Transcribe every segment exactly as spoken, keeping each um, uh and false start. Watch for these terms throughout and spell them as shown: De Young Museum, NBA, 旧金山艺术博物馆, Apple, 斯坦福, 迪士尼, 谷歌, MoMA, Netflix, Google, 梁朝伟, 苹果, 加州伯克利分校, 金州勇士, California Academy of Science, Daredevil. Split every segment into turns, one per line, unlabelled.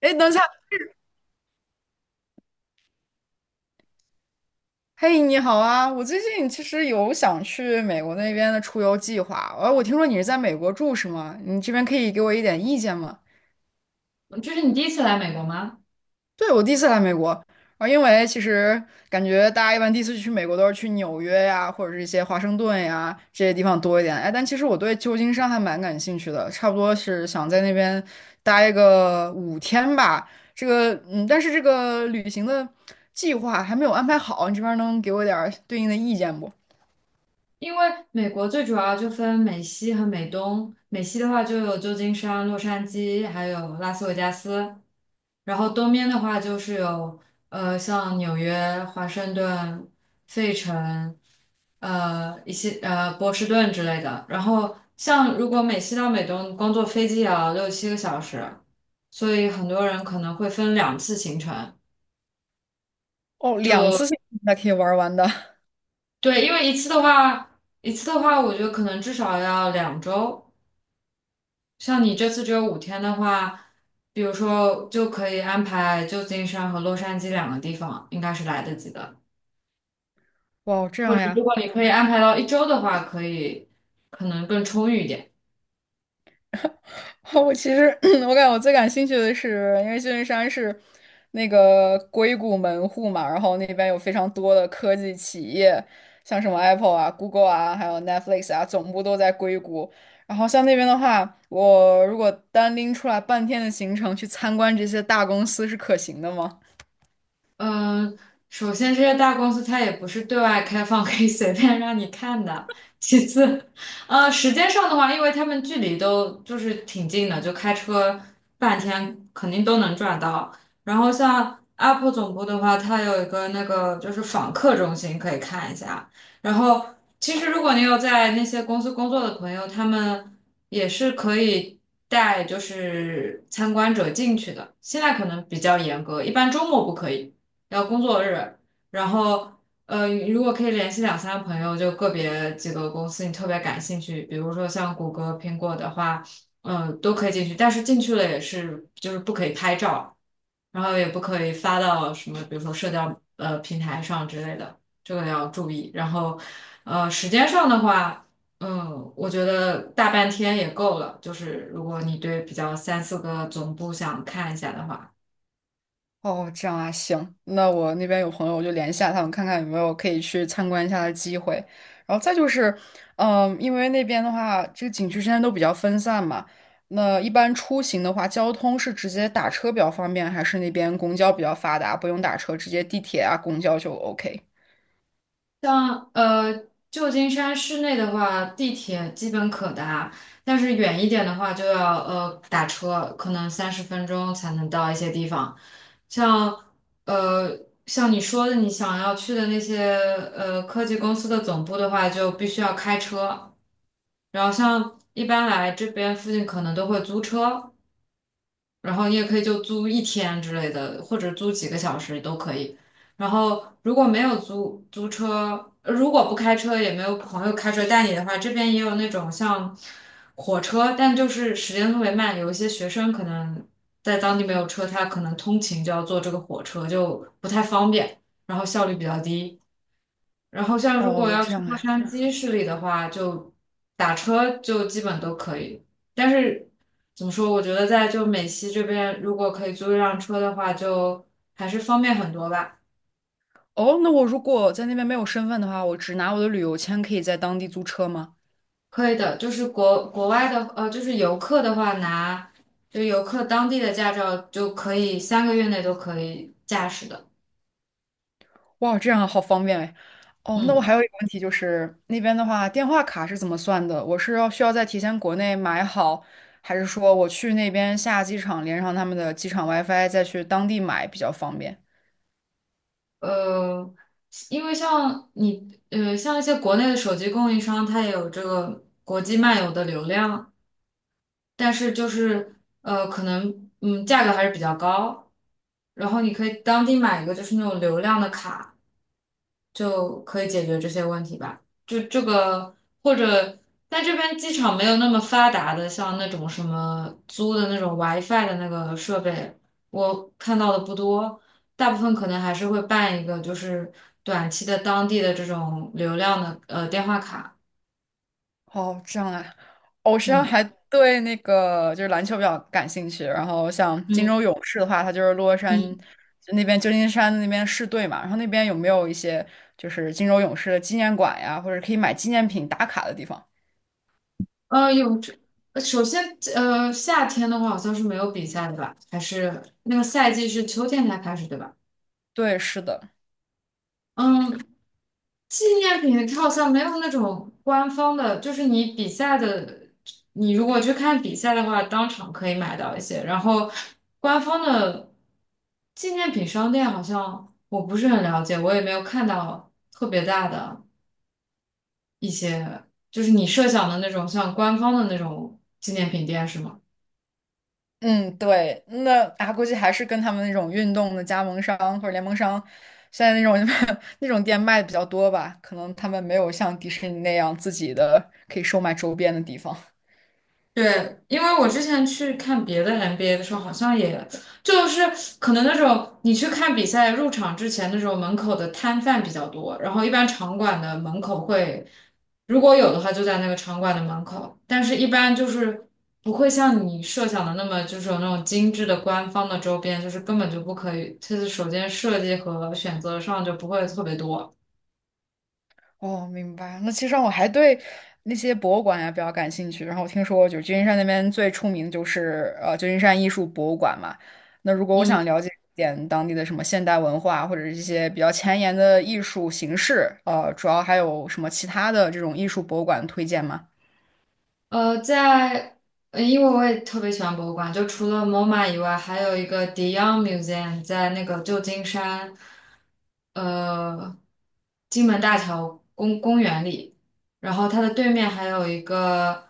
哎，等一下，嘿，你好啊！我最近其实有想去美国那边的出游计划，呃，我听说你是在美国住是吗？你这边可以给我一点意见吗？
这是你第一次来美国吗？
对，我第一次来美国，啊，因为其实感觉大家一般第一次去美国都是去纽约呀，或者是一些华盛顿呀这些地方多一点，哎，但其实我对旧金山还蛮感兴趣的，差不多是想在那边待个五天吧。这个，嗯，但是这个旅行的计划还没有安排好，你这边能给我点儿对应的意见不？
因为美国最主要就分美西和美东，美西的话就有旧金山、洛杉矶，还有拉斯维加斯，然后东边的话就是有呃像纽约、华盛顿、费城，呃一些呃波士顿之类的。然后像如果美西到美东，光坐飞机也要六七个小时，所以很多人可能会分两次行程，
哦，
就
两次性才可以玩完的。
对，因为一次的话，一次的话，我觉得可能至少要两周。像你这次只有五天的话，比如说就可以安排旧金山和洛杉矶两个地方，应该是来得及的。
哇哦，这
或
样
者如
呀！
果你可以安排到一周的话，可以可能更充裕一点。
我其实 我感觉我最感兴趣的是，因为旧金山是那个硅谷门户嘛，然后那边有非常多的科技企业，像什么 Apple 啊、Google 啊，还有 Netflix 啊，总部都在硅谷。然后像那边的话，我如果单拎出来半天的行程去参观这些大公司是可行的吗？
嗯，首先这些大公司它也不是对外开放，可以随便让你看的。其次，呃，时间上的话，因为他们距离都就是挺近的，就开车半天肯定都能转到。然后像 Apple 总部的话，它有一个那个就是访客中心可以看一下。然后其实如果你有在那些公司工作的朋友，他们也是可以带就是参观者进去的。现在可能比较严格，一般周末不可以。要工作日，然后呃，如果可以联系两三个朋友，就个别几个公司你特别感兴趣，比如说像谷歌、苹果的话，嗯、都可以进去，但是进去了也是就是不可以拍照，然后也不可以发到什么，比如说社交呃平台上之类的，这个要注意。然后呃，时间上的话。嗯，我觉得大半天也够了。就是如果你对比较三四个总部想看一下的话，
哦，这样啊，行，那我那边有朋友，我就联系一下他们，看看有没有可以去参观一下的机会。然后再就是，嗯，因为那边的话，这个景区之间都比较分散嘛，那一般出行的话，交通是直接打车比较方便，还是那边公交比较发达，不用打车，直接地铁啊、公交就 OK？
像呃旧金山市内的话，地铁基本可达，但是远一点的话就要呃打车，可能三十分钟才能到一些地方。像呃像你说的，你想要去的那些呃科技公司的总部的话，就必须要开车。然后像一般来这边附近可能都会租车，然后你也可以就租一天之类的，或者租几个小时都可以。然后如果没有租租车，呃如果不开车，也没有朋友开车带你的话，这边也有那种像火车，但就是时间特别慢。有一些学生可能在当地没有车，他可能通勤就要坐这个火车，就不太方便，然后效率比较低。然后像如果
哦，
要
这
去
样
洛
啊。
杉矶市里的话，就打车就基本都可以。但是怎么说，我觉得在就美西这边，如果可以租一辆车的话，就还是方便很多吧。
哦，那我如果在那边没有身份的话，我只拿我的旅游签，可以在当地租车吗？
可以的，就是国国外的呃，就是游客的话拿就游客当地的驾照就可以三个月内都可以驾驶的。
哇，这样好方便哎。哦，那我
嗯，
还有一个问题就是，那边的话，电话卡是怎么算的？我是要需要在提前国内买好，还是说我去那边下机场连上他们的机场 WiFi，再去当地买比较方便？
呃，因为像你呃，像一些国内的手机供应商，它也有这个国际漫游的流量。但是就是呃，可能嗯，价格还是比较高。然后你可以当地买一个就是那种流量的卡，就可以解决这些问题吧。就这个或者但这边机场没有那么发达的，像那种什么租的那种 WiFi 的那个设备，我看到的不多，大部分可能还是会办一个就是短期的当地的这种流量的呃电话卡。
哦，这样啊。哦，我实际上
嗯
还对那个就是篮球比较感兴趣，然后像金
嗯
州勇士的话，它就是洛杉
嗯。
就那边旧金山那边市队嘛，然后那边有没有一些就是金州勇士的纪念馆呀，或者可以买纪念品打卡的地方？
呃，有这，呃首先，呃，夏天的话好像是没有比赛的吧？还是那个赛季是秋天才开始，对吧？
对，是的。
嗯，纪念品它好像没有那种官方的，就是你比赛的，你如果去看比赛的话，当场可以买到一些。然后官方的纪念品商店好像我不是很了解，我也没有看到特别大的，呃就是你设想的那种像官方的那种纪念品店是吗？
嗯，对，那啊，估计还是跟他们那种运动的加盟商或者联盟商，现在那种 那种店卖的比较多吧，可能他们没有像迪士尼那样自己的可以售卖周边的地方。
对，因为我之前去看别的 N B A 的时候，好像也就是可能那种你去看比赛入场之前那种门口的摊贩比较多，然后一般场馆的门口会，如果有的话就在那个场馆的门口，但是一般就是不会像你设想的那么就是有那种精致的官方的周边，就是根本就不可以，就是首先设计和选择上就不会特别多。
哦，明白。那其实我还对那些博物馆呀比较感兴趣，然后我听说就是旧金山那边最出名的就是呃旧金山艺术博物馆嘛。那如果我想
嗯。
了解一点当地的什么现代文化，或者是一些比较前沿的艺术形式，呃，主要还有什么其他的这种艺术博物馆推荐吗？
呃，在呃英国我也特别喜欢博物馆，就除了 MoMA 以外，还有一个 De Young Museum 在那个旧金山，呃，金门大桥公公园里，然后它的对面还有一个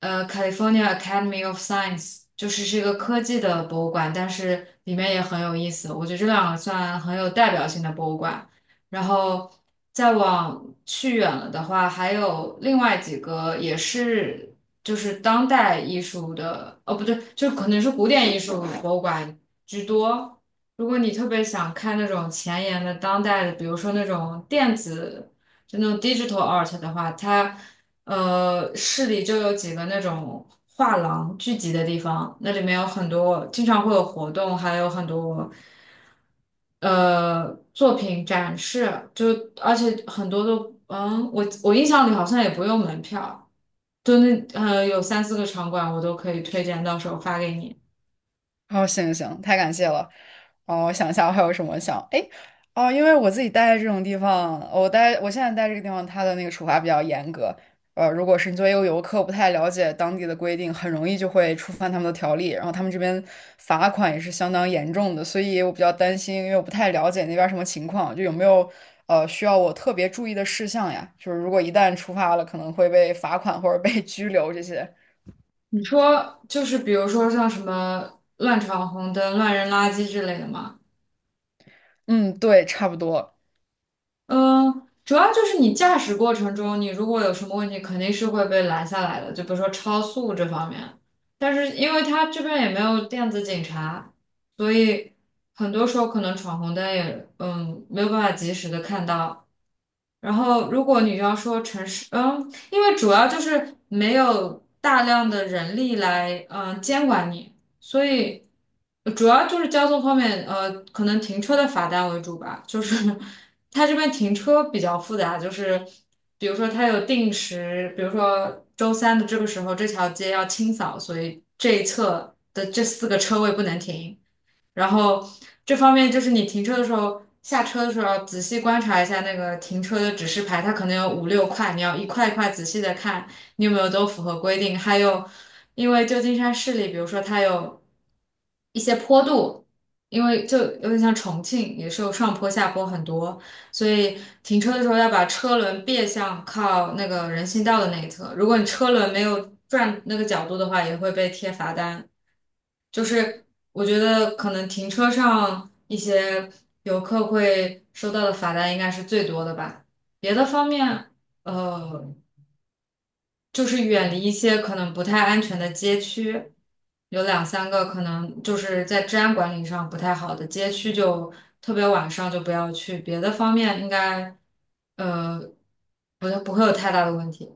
呃 California Academy of Science，就是是一个科技的博物馆，但是里面也很有意思，我觉得这两个算很有代表性的博物馆。然后再往去远了的话，还有另外几个也是就是当代艺术的，哦，不对，就可能是古典艺术博物馆居多。如果你特别想看那种前沿的当代的，比如说那种电子，就那种 digital art 的话，它呃，市里就有几个那种画廊聚集的地方，那里面有很多，经常会有活动，还有很多呃作品展示，就而且很多都，嗯，我我印象里好像也不用门票，就那呃有三四个场馆我都可以推荐，到时候发给你。
哦，行行行，太感谢了。哦，我想一下，我还有什么想？哎，哦，因为我自己待在这种地方，我待我现在待这个地方，它的那个处罚比较严格。呃，如果是你作为一个游客不太了解当地的规定，很容易就会触犯他们的条例，然后他们这边罚款也是相当严重的，所以我比较担心，因为我不太了解那边儿什么情况，就有没有呃需要我特别注意的事项呀？就是如果一旦触发了，可能会被罚款或者被拘留这些。
你说就是比如说像什么乱闯红灯、乱扔垃圾之类的吗？
嗯，对，差不多。
嗯，主要就是你驾驶过程中，你如果有什么问题，肯定是会被拦下来的，就比如说超速这方面。但是因为他这边也没有电子警察，所以很多时候可能闯红灯也嗯没有办法及时的看到。然后如果你要说城市，嗯，因为主要就是没有大量的人力来嗯监管你。所以呃主要就是交通方面，呃，可能停车的罚单为主吧。就是 它这边停车比较复杂，就是比如说它有定时，比如说周三的这个时候这条街要清扫，所以这一侧的这四个车位不能停。然后这方面就是你停车的时候，下车的时候要仔细观察一下那个停车的指示牌，它可能有五六块，你要一块一块仔细的看你有没有都符合规定。还有，因为旧金山市里，比如说它有一些坡度，因为就有点像重庆，也是有上坡下坡很多，所以停车的时候要把车轮别向靠那个人行道的那一侧。如果你车轮没有转那个角度的话，也会被贴罚单。就是我觉得可能停车上一些游客会收到的罚单应该是最多的吧。别的方面，呃，就是远离一些可能不太安全的街区，有两三个可能就是在治安管理上不太好的街区就特别晚上就不要去。别的方面应该，呃，不不会有太大的问题。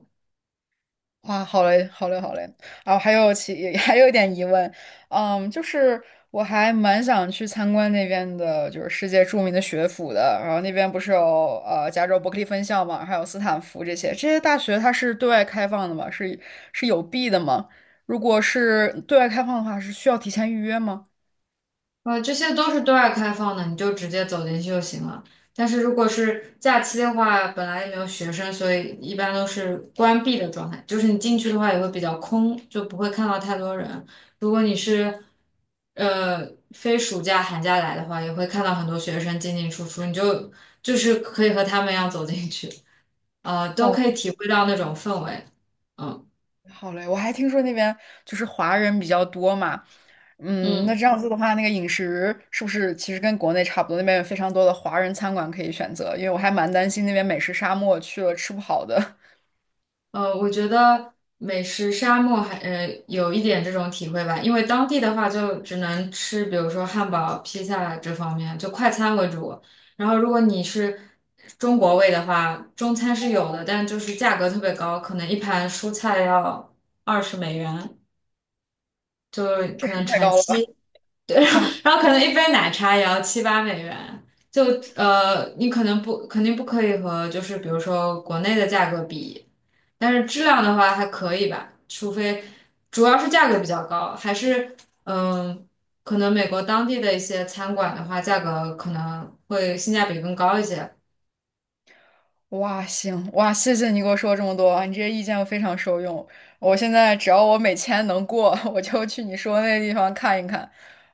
哇，好嘞，好嘞，好嘞。啊，还有其 还有一点疑问，嗯，就是我还蛮想去参观那边的，就是世界著名的学府的。然后那边不是有呃加州伯克利分校嘛，还有斯坦福这些，这些大学它是对外开放的吗？是是有币的吗？如果是对外开放的话，是需要提前预约吗？
呃，这些都是对外开放的，你就直接走进去就行了。但是如果是假期的话，本来也没有学生，所以一般都是关闭的状态。就是你进去的话也会比较空，就不会看到太多人。如果你是呃非暑假寒假来的话，也会看到很多学生进进出出，你就就是可以和他们一样走进去，呃，都可以
哦。
体会到那种氛围。嗯
好嘞，我还听说那边就是华人比较多嘛，嗯，那
嗯。
这样子的嗯话，那个饮食是不是其实跟国内差不多？那边有非常多的华人餐馆可以选择，因为我还蛮担心那边美食沙漠去了吃不好的，
呃，我觉得美食沙漠还呃有一点这种体会吧，因为当地的话就只能吃，比如说汉堡、披萨这方面，就快餐为主。然后如果你是中国胃的话，中餐是有的，但就是价格特别高，可能一盘蔬菜要二十美元，就可能
太
乘
高了吧？
七。
哦，
然后可能一杯奶茶也要七八美元，就呃，你可能不肯定不可以和就是比如说国内的价格比，但是质量的话还可以吧，除非主要是价格比较高，还是嗯、可能美国当地的一些餐馆的话，价格可能会性价比更高一些。
哇，行，哇，谢谢你给我说这么多啊你这些意见我非常受用。我现在只要我每天能过，我就去你说的那个地方看一看。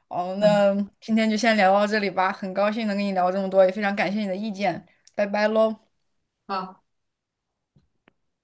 哦，
嗯，
那今天就先聊到这里吧，很高兴能跟你聊这么多，也非常感谢你的意见，拜拜喽。
好。